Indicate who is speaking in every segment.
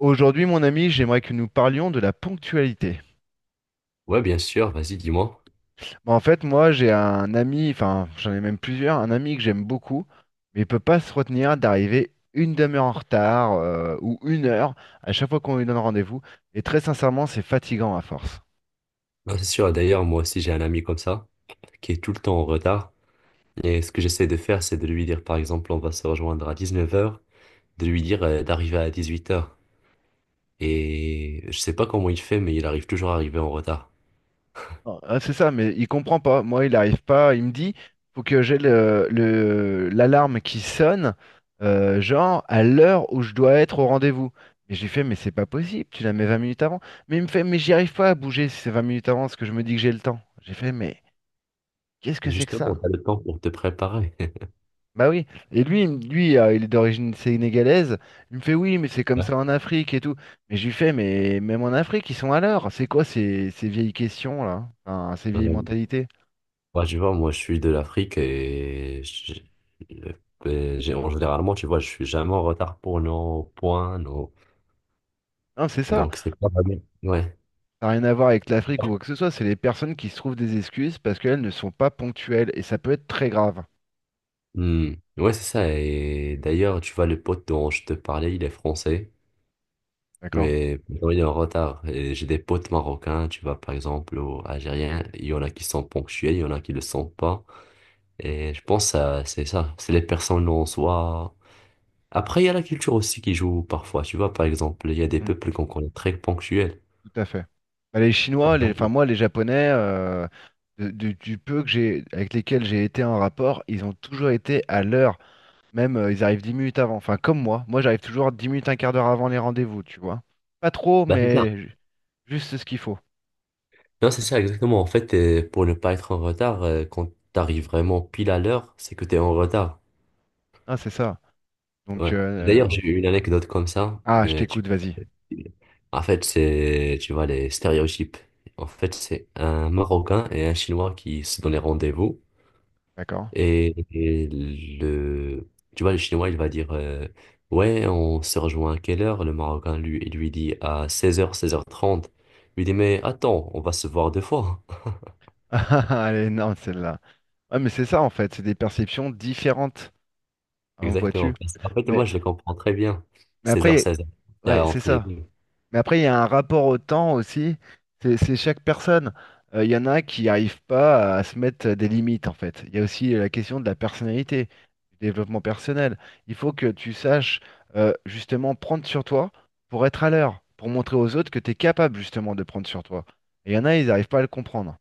Speaker 1: Aujourd'hui, mon ami, j'aimerais que nous parlions de la ponctualité.
Speaker 2: Ouais, bien sûr, vas-y, dis-moi.
Speaker 1: Bah, en fait, moi, j'ai un ami, enfin, j'en ai même plusieurs, un ami que j'aime beaucoup, mais il peut pas se retenir d'arriver une demi-heure en retard ou une heure à chaque fois qu'on lui donne rendez-vous. Et très sincèrement, c'est fatigant à force.
Speaker 2: Non, c'est sûr, d'ailleurs, moi aussi, j'ai un ami comme ça, qui est tout le temps en retard. Et ce que j'essaie de faire, c'est de lui dire, par exemple, on va se rejoindre à 19 heures, de lui dire d'arriver à 18 heures. Et je sais pas comment il fait, mais il arrive toujours à arriver en retard.
Speaker 1: Ah, ah, c'est ça, mais il comprend pas. Moi, il arrive pas. Il me dit, faut que j'ai l'alarme qui sonne, genre à l'heure où je dois être au rendez-vous. Et j'ai fait, mais c'est pas possible, tu la mets 20 minutes avant. Mais il me fait, mais j'y arrive pas à bouger si c'est 20 minutes avant, parce que je me dis que j'ai le temps. J'ai fait, mais qu'est-ce que c'est que
Speaker 2: Justement,
Speaker 1: ça?
Speaker 2: t'as le temps pour te préparer.
Speaker 1: Bah oui. Et lui, lui, il est d'origine sénégalaise. Il me fait, oui, mais c'est comme
Speaker 2: Ouais.
Speaker 1: ça en Afrique et tout. Mais je lui fais, mais même en Afrique, ils sont à l'heure. C'est quoi ces vieilles questions là? Enfin, ces vieilles
Speaker 2: Ouais,
Speaker 1: mentalités?
Speaker 2: ouais, tu vois, moi, je suis de l'Afrique et euh, ben, en généralement, tu vois, je suis jamais en retard pour nos points, nos...
Speaker 1: Non, c'est ça.
Speaker 2: Donc, c'est pas mal. Ouais.
Speaker 1: Ça n'a rien à voir avec l'Afrique ou quoi que ce soit, c'est les personnes qui se trouvent des excuses parce qu'elles ne sont pas ponctuelles et ça peut être très grave.
Speaker 2: Hmm. Ouais, c'est ça. Et d'ailleurs, tu vois, le pote dont je te parlais, il est français,
Speaker 1: D'accord?
Speaker 2: mais pourtant, il est en retard. Et j'ai des potes marocains, tu vois, par exemple, ou algériens. Il y en a qui sont ponctuels, il y en a qui le sont pas. Et je pense que c'est ça. C'est les personnes en soi. Après, il y a la culture aussi qui joue parfois. Tu vois, par exemple, il y a des
Speaker 1: Mm.
Speaker 2: peuples qu'on connaît très ponctuels.
Speaker 1: Tout à fait. Bah, les
Speaker 2: Par
Speaker 1: Chinois, les,
Speaker 2: exemple,
Speaker 1: enfin moi, les Japonais, du peu que j'ai, avec lesquels j'ai été en rapport, ils ont toujours été à l'heure. Même ils arrivent 10 minutes avant. Enfin, comme moi. Moi, j'arrive toujours 10 minutes, un quart d'heure avant les rendez-vous, tu vois. Pas trop,
Speaker 2: bah, c'est ça.
Speaker 1: mais juste ce qu'il faut.
Speaker 2: Non, c'est ça, exactement. En fait, pour ne pas être en retard, quand t'arrives vraiment pile à l'heure, c'est que t'es en retard.
Speaker 1: Ah, c'est ça. Donc,
Speaker 2: Ouais. D'ailleurs, j'ai eu une anecdote comme ça.
Speaker 1: ah, je t'écoute, vas-y.
Speaker 2: En fait, c'est, tu vois, les stéréotypes. En fait, c'est un Marocain et un Chinois qui se donnaient rendez-vous.
Speaker 1: D'accord?
Speaker 2: Et tu vois, le Chinois, il va dire, ouais, on se rejoint à quelle heure? Le Marocain, lui, il lui dit à 16h, 16h30. Il lui dit, mais attends, on va se voir deux fois.
Speaker 1: Ah, elle est énorme celle-là. Ouais, mais c'est ça en fait, c'est des perceptions différentes, hein,
Speaker 2: Exactement.
Speaker 1: vois-tu.
Speaker 2: En fait, moi,
Speaker 1: Mais,
Speaker 2: je le comprends très bien.
Speaker 1: mais
Speaker 2: Seize
Speaker 1: après,
Speaker 2: heures, 16h, c'est
Speaker 1: ouais, c'est
Speaker 2: entre les
Speaker 1: ça.
Speaker 2: deux.
Speaker 1: Mais après, il y a un rapport au temps aussi. C'est chaque personne. Il y en a qui n'arrivent pas à se mettre des limites en fait. Il y a aussi la question de la personnalité, du développement personnel. Il faut que tu saches justement prendre sur toi pour être à l'heure, pour montrer aux autres que tu es capable justement de prendre sur toi. Et il y en a, ils n'arrivent pas à le comprendre.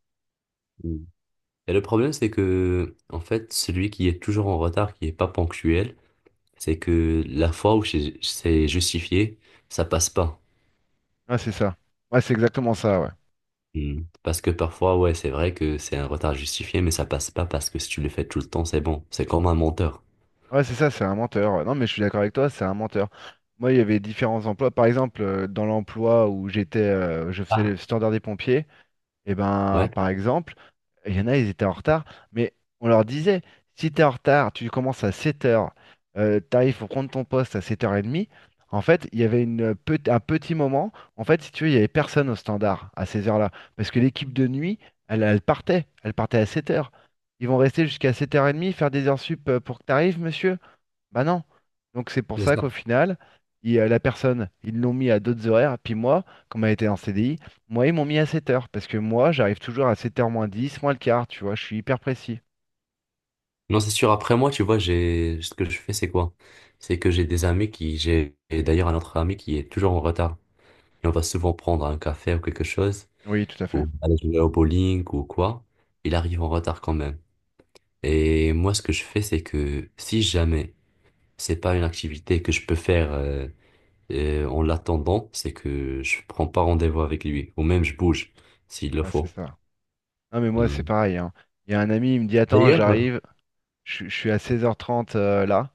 Speaker 2: Et le problème, c'est que, en fait, celui qui est toujours en retard, qui est pas ponctuel, c'est que la fois où c'est justifié, ça passe pas.
Speaker 1: Ah, c'est ça. Ouais, c'est exactement ça, ouais.
Speaker 2: Hmm. Parce que parfois, ouais, c'est vrai que c'est un retard justifié, mais ça passe pas parce que si tu le fais tout le temps, c'est bon. C'est comme un menteur.
Speaker 1: Ouais, c'est ça, c'est un menteur. Non, mais je suis d'accord avec toi, c'est un menteur. Moi, il y avait différents emplois. Par exemple, dans l'emploi où j'étais, je faisais
Speaker 2: Ah.
Speaker 1: le standard des pompiers, et ben,
Speaker 2: Ouais,
Speaker 1: par exemple, il y en a, ils étaient en retard, mais on leur disait, si t'es en retard, tu commences à 7 heures, t'arrives pour prendre ton poste à 7h30. En fait, il y avait un petit moment, en fait, si tu veux, il y avait personne au standard à ces heures-là, parce que l'équipe de nuit, elle, elle partait à 7 heures. Ils vont rester jusqu'à 7h30, faire des heures sup pour que t'arrives, monsieur. Bah non. Donc c'est pour
Speaker 2: c'est
Speaker 1: ça
Speaker 2: ça.
Speaker 1: qu'au final, la personne, ils l'ont mis à d'autres horaires. Puis moi, comme elle était en CDI, moi, ils m'ont mis à 7 heures. Parce que moi, j'arrive toujours à 7 heures moins 10 moins le quart, tu vois, je suis hyper précis.
Speaker 2: Non, c'est sûr. Après moi, tu vois, ce que je fais, c'est quoi? C'est que j'ai des amis qui, j'ai et d'ailleurs un autre ami qui est toujours en retard. Et on va souvent prendre un café ou quelque chose,
Speaker 1: Oui, tout à fait.
Speaker 2: ou aller jouer au bowling ou quoi. Il arrive en retard quand même. Et moi, ce que je fais, c'est que si jamais c'est pas une activité que je peux faire en l'attendant, c'est que je prends pas rendez-vous avec lui, ou même je bouge s'il le
Speaker 1: Ouais, c'est
Speaker 2: faut.
Speaker 1: ça. Non, mais moi, c'est
Speaker 2: Hmm.
Speaker 1: pareil, hein. Il y a un ami, il me dit, attends,
Speaker 2: D'ailleurs,
Speaker 1: j'arrive, je suis à 16h30 là.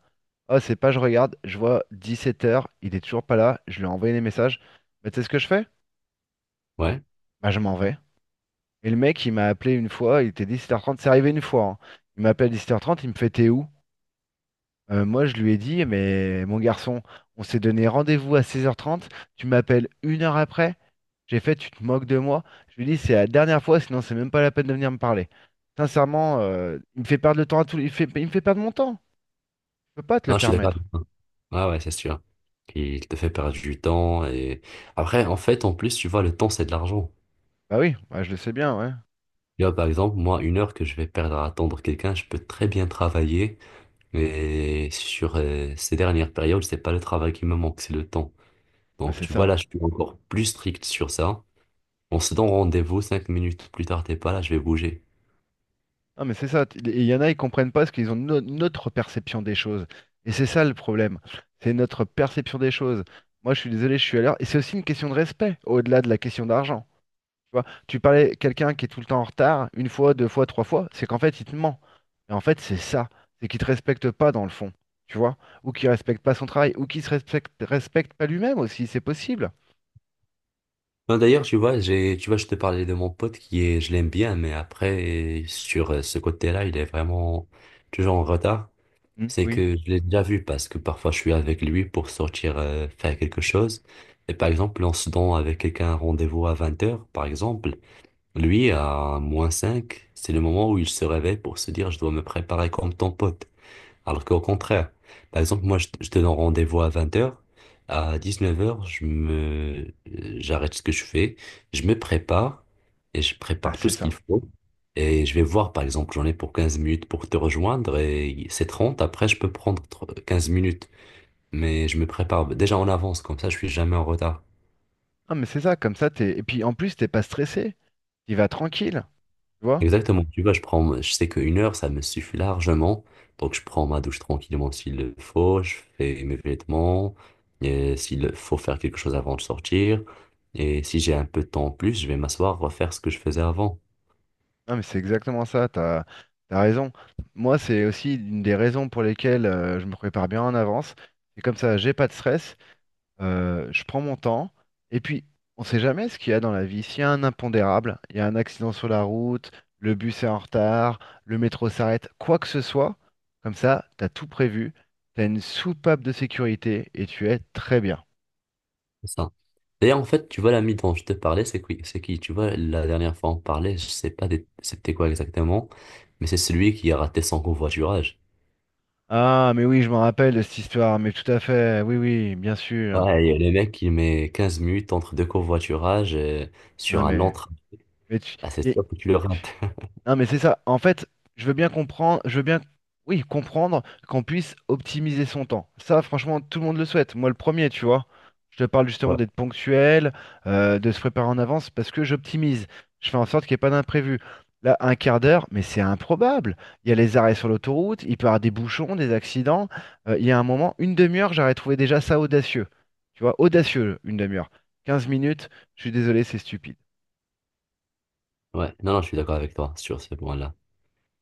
Speaker 1: Oh, c'est pas, je regarde, je vois 17h, il est toujours pas là, je lui ai envoyé des messages. Bah, tu sais ce que je fais?
Speaker 2: ouais,
Speaker 1: Bah, je m'en vais. Et le mec, il m'a appelé une fois, il était 17 heures trente, c'est arrivé une fois, hein. Il m'appelle 17 heures trente, il me fait, t'es où? Moi, je lui ai dit, mais mon garçon, on s'est donné rendez-vous à 16h30, tu m'appelles une heure après, j'ai fait, tu te moques de moi. Je lui ai dit, c'est la dernière fois, sinon c'est même pas la peine de venir me parler. Sincèrement, il me fait perdre le temps à tout, il me fait perdre mon temps. Je peux pas te le
Speaker 2: non, je suis d'accord
Speaker 1: permettre.
Speaker 2: avec toi. Ah ouais, c'est sûr. Il te fait perdre du temps et après, en fait, en plus, tu vois, le temps, c'est de l'argent.
Speaker 1: Bah oui, bah je le sais bien, ouais.
Speaker 2: Tu vois, par exemple, moi, 1 heure que je vais perdre à attendre quelqu'un, je peux très bien travailler, mais sur ces dernières périodes, c'est pas le travail qui me manque, c'est le temps.
Speaker 1: Ah,
Speaker 2: Donc,
Speaker 1: c'est
Speaker 2: tu vois, là,
Speaker 1: ça.
Speaker 2: je suis encore plus strict sur ça. On se donne rendez-vous, 5 minutes plus tard, t'es pas là, je vais bouger.
Speaker 1: Non, mais c'est ça. Il y en a, ils comprennent pas parce qu'ils ont notre perception des choses. Et c'est ça le problème. C'est notre perception des choses. Moi, je suis désolé, je suis à l'heure. Et c'est aussi une question de respect, au-delà de la question d'argent. Tu vois, tu parlais quelqu'un qui est tout le temps en retard, une fois, deux fois, trois fois, c'est qu'en fait, il te ment. Et en fait, c'est ça, c'est qu'il te respecte pas dans le fond, tu vois, ou qu'il respecte pas son travail, ou qu'il se respecte pas lui-même aussi, c'est possible.
Speaker 2: Non, d'ailleurs, tu vois, tu vois, je te parlais de mon pote je l'aime bien, mais après, sur ce côté-là, il est vraiment toujours en retard.
Speaker 1: Hmm,
Speaker 2: C'est
Speaker 1: oui,
Speaker 2: que je l'ai déjà vu parce que parfois je suis avec lui pour sortir, faire quelque chose. Et par exemple, on se donne avec quelqu'un un rendez-vous à 20h, par exemple. Lui, à moins 5 c'est le moment où il se réveille pour se dire, je dois me préparer comme ton pote. Alors qu'au contraire, par exemple, moi, je te donne rendez-vous à 20 heures. À 19 heures, j'arrête ce que je fais. Je me prépare et je
Speaker 1: ah,
Speaker 2: prépare tout
Speaker 1: c'est
Speaker 2: ce qu'il
Speaker 1: ça.
Speaker 2: faut. Et je vais voir, par exemple, j'en ai pour 15 minutes pour te rejoindre et c'est 30. Après, je peux prendre 15 minutes. Mais je me prépare déjà en avance, comme ça, je suis jamais en retard.
Speaker 1: Non, mais c'est ça, comme ça, Et puis en plus, t'es pas stressé, tu vas tranquille, tu vois.
Speaker 2: Exactement, tu vois, je sais qu'une heure, ça me suffit largement. Donc, je prends ma douche tranquillement s'il le faut, je fais mes vêtements, et s'il faut faire quelque chose avant de sortir. Et si j'ai un peu de temps en plus, je vais m'asseoir, refaire ce que je faisais avant.
Speaker 1: Non, mais c'est exactement ça, t'as raison. Moi, c'est aussi une des raisons pour lesquelles je me prépare bien en avance. C'est comme ça, j'ai pas de stress. Je prends mon temps. Et puis, on sait jamais ce qu'il y a dans la vie. S'il y a un impondérable, il y a un accident sur la route, le bus est en retard, le métro s'arrête, quoi que ce soit, comme ça, t'as tout prévu, t'as une soupape de sécurité et tu es très bien.
Speaker 2: C'est ça. D'ailleurs, en fait, tu vois, l'ami dont je te parlais, c'est qui, c'est qui? Tu vois, la dernière fois, on parlait, je sais pas c'était quoi exactement, mais c'est celui qui a raté son covoiturage.
Speaker 1: Ah, mais oui, je me rappelle de cette histoire, mais tout à fait, oui, oui, bien sûr.
Speaker 2: Ouais, et le mec, il met 15 minutes entre deux covoiturages,
Speaker 1: Non,
Speaker 2: sur un long
Speaker 1: mais,
Speaker 2: trajet.
Speaker 1: mais
Speaker 2: Ah, c'est
Speaker 1: y-
Speaker 2: sûr que tu le rates.
Speaker 1: non, mais c'est ça. En fait, je veux bien comprendre, je veux bien, oui, comprendre qu'on puisse optimiser son temps. Ça, franchement, tout le monde le souhaite. Moi, le premier, tu vois. Je te parle justement
Speaker 2: Ouais,
Speaker 1: d'être ponctuel, de se préparer en avance parce que j'optimise. Je fais en sorte qu'il n'y ait pas d'imprévu. Là, un quart d'heure, mais c'est improbable. Il y a les arrêts sur l'autoroute, il peut y avoir des bouchons, des accidents. Il y a un moment, une demi-heure, j'aurais trouvé déjà ça audacieux. Tu vois, audacieux, une demi-heure. 15 minutes, je suis désolé, c'est stupide.
Speaker 2: ouais. Non, non, je suis d'accord avec toi sur ce point-là.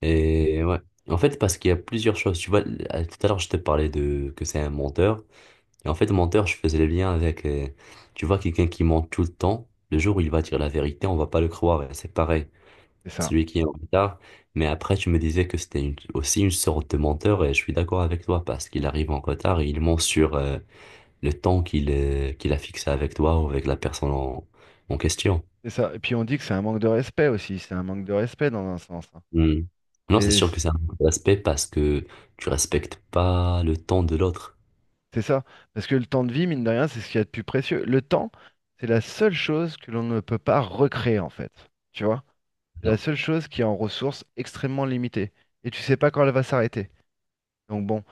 Speaker 2: Et ouais. En fait, parce qu'il y a plusieurs choses. Tu vois, tout à l'heure, je te parlais de que c'est un menteur. Et en fait, menteur, je faisais le lien avec, tu vois, quelqu'un qui ment tout le temps. Le jour où il va dire la vérité, on va pas le croire. Et c'est pareil.
Speaker 1: C'est ça.
Speaker 2: Celui qui est en retard. Mais après, tu me disais que c'était aussi une sorte de menteur. Et je suis d'accord avec toi parce qu'il arrive en retard et il ment sur le temps qu'il a fixé avec toi ou avec la personne en question.
Speaker 1: C'est ça. Et puis on dit que c'est un manque de respect aussi. C'est un manque de respect dans un sens, hein.
Speaker 2: Hmm. Non, c'est
Speaker 1: Et
Speaker 2: sûr que c'est un autre aspect parce que tu respectes pas le temps de l'autre.
Speaker 1: c'est ça. Parce que le temps de vie, mine de rien, c'est ce qu'il y a de plus précieux. Le temps, c'est la seule chose que l'on ne peut pas recréer, en fait. Tu vois? C'est la
Speaker 2: Non,
Speaker 1: seule chose qui est en ressources extrêmement limitées. Et tu sais pas quand elle va s'arrêter. Donc bon.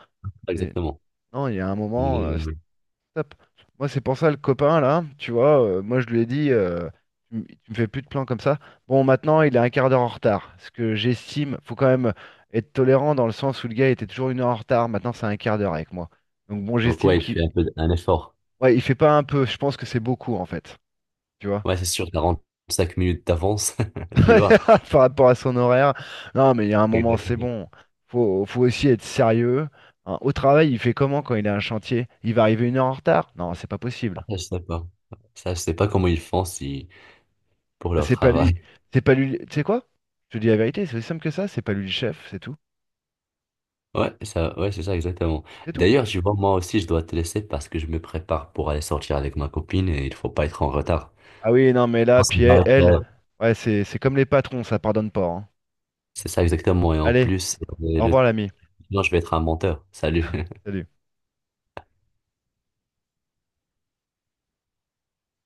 Speaker 2: pas
Speaker 1: C'est-
Speaker 2: exactement.
Speaker 1: Non, il y a un moment,
Speaker 2: Mais,
Speaker 1: stop. Moi, c'est pour ça, le copain, là, tu vois, moi, je lui ai dit, tu me fais plus de plans comme ça. Bon, maintenant, il est un quart d'heure en retard. Ce que j'estime, faut quand même être tolérant dans le sens où le gars était toujours une heure en retard. Maintenant, c'est un quart d'heure avec moi. Donc, bon,
Speaker 2: donc ouais,
Speaker 1: j'estime
Speaker 2: il
Speaker 1: qu'il.
Speaker 2: fait un peu un effort.
Speaker 1: Ouais, il fait pas un peu. Je pense que c'est beaucoup, en fait. Tu vois?
Speaker 2: Ouais, c'est sûr, 45 minutes d'avance, tu vois.
Speaker 1: Par rapport à son horaire. Non, mais il y a un moment, c'est
Speaker 2: Exactement.
Speaker 1: bon. Faut aussi être sérieux, hein. Au travail, il fait comment quand il a un chantier? Il va arriver une heure en retard? Non, c'est pas
Speaker 2: Ah,
Speaker 1: possible.
Speaker 2: je sais pas. Ça, je sais pas comment ils font si pour
Speaker 1: Bah,
Speaker 2: leur
Speaker 1: c'est pas lui.
Speaker 2: travail.
Speaker 1: C'est pas lui. Tu sais quoi? Je te dis la vérité, c'est aussi simple que ça, c'est pas lui le chef, c'est tout.
Speaker 2: Ouais, ça, ouais, c'est ça exactement.
Speaker 1: C'est tout.
Speaker 2: D'ailleurs, je vois, moi aussi, je dois te laisser parce que je me prépare pour aller sortir avec ma copine et il faut pas être en retard.
Speaker 1: Ah oui, non, mais là,
Speaker 2: Non, ça
Speaker 1: puis elle,
Speaker 2: va être,
Speaker 1: elle,
Speaker 2: euh,
Speaker 1: ouais, c'est comme les patrons, ça pardonne pas, hein.
Speaker 2: C'est ça exactement. Et en
Speaker 1: Allez,
Speaker 2: plus,
Speaker 1: au
Speaker 2: le...
Speaker 1: revoir l'ami.
Speaker 2: Non, je vais être un menteur. Salut.
Speaker 1: Salut.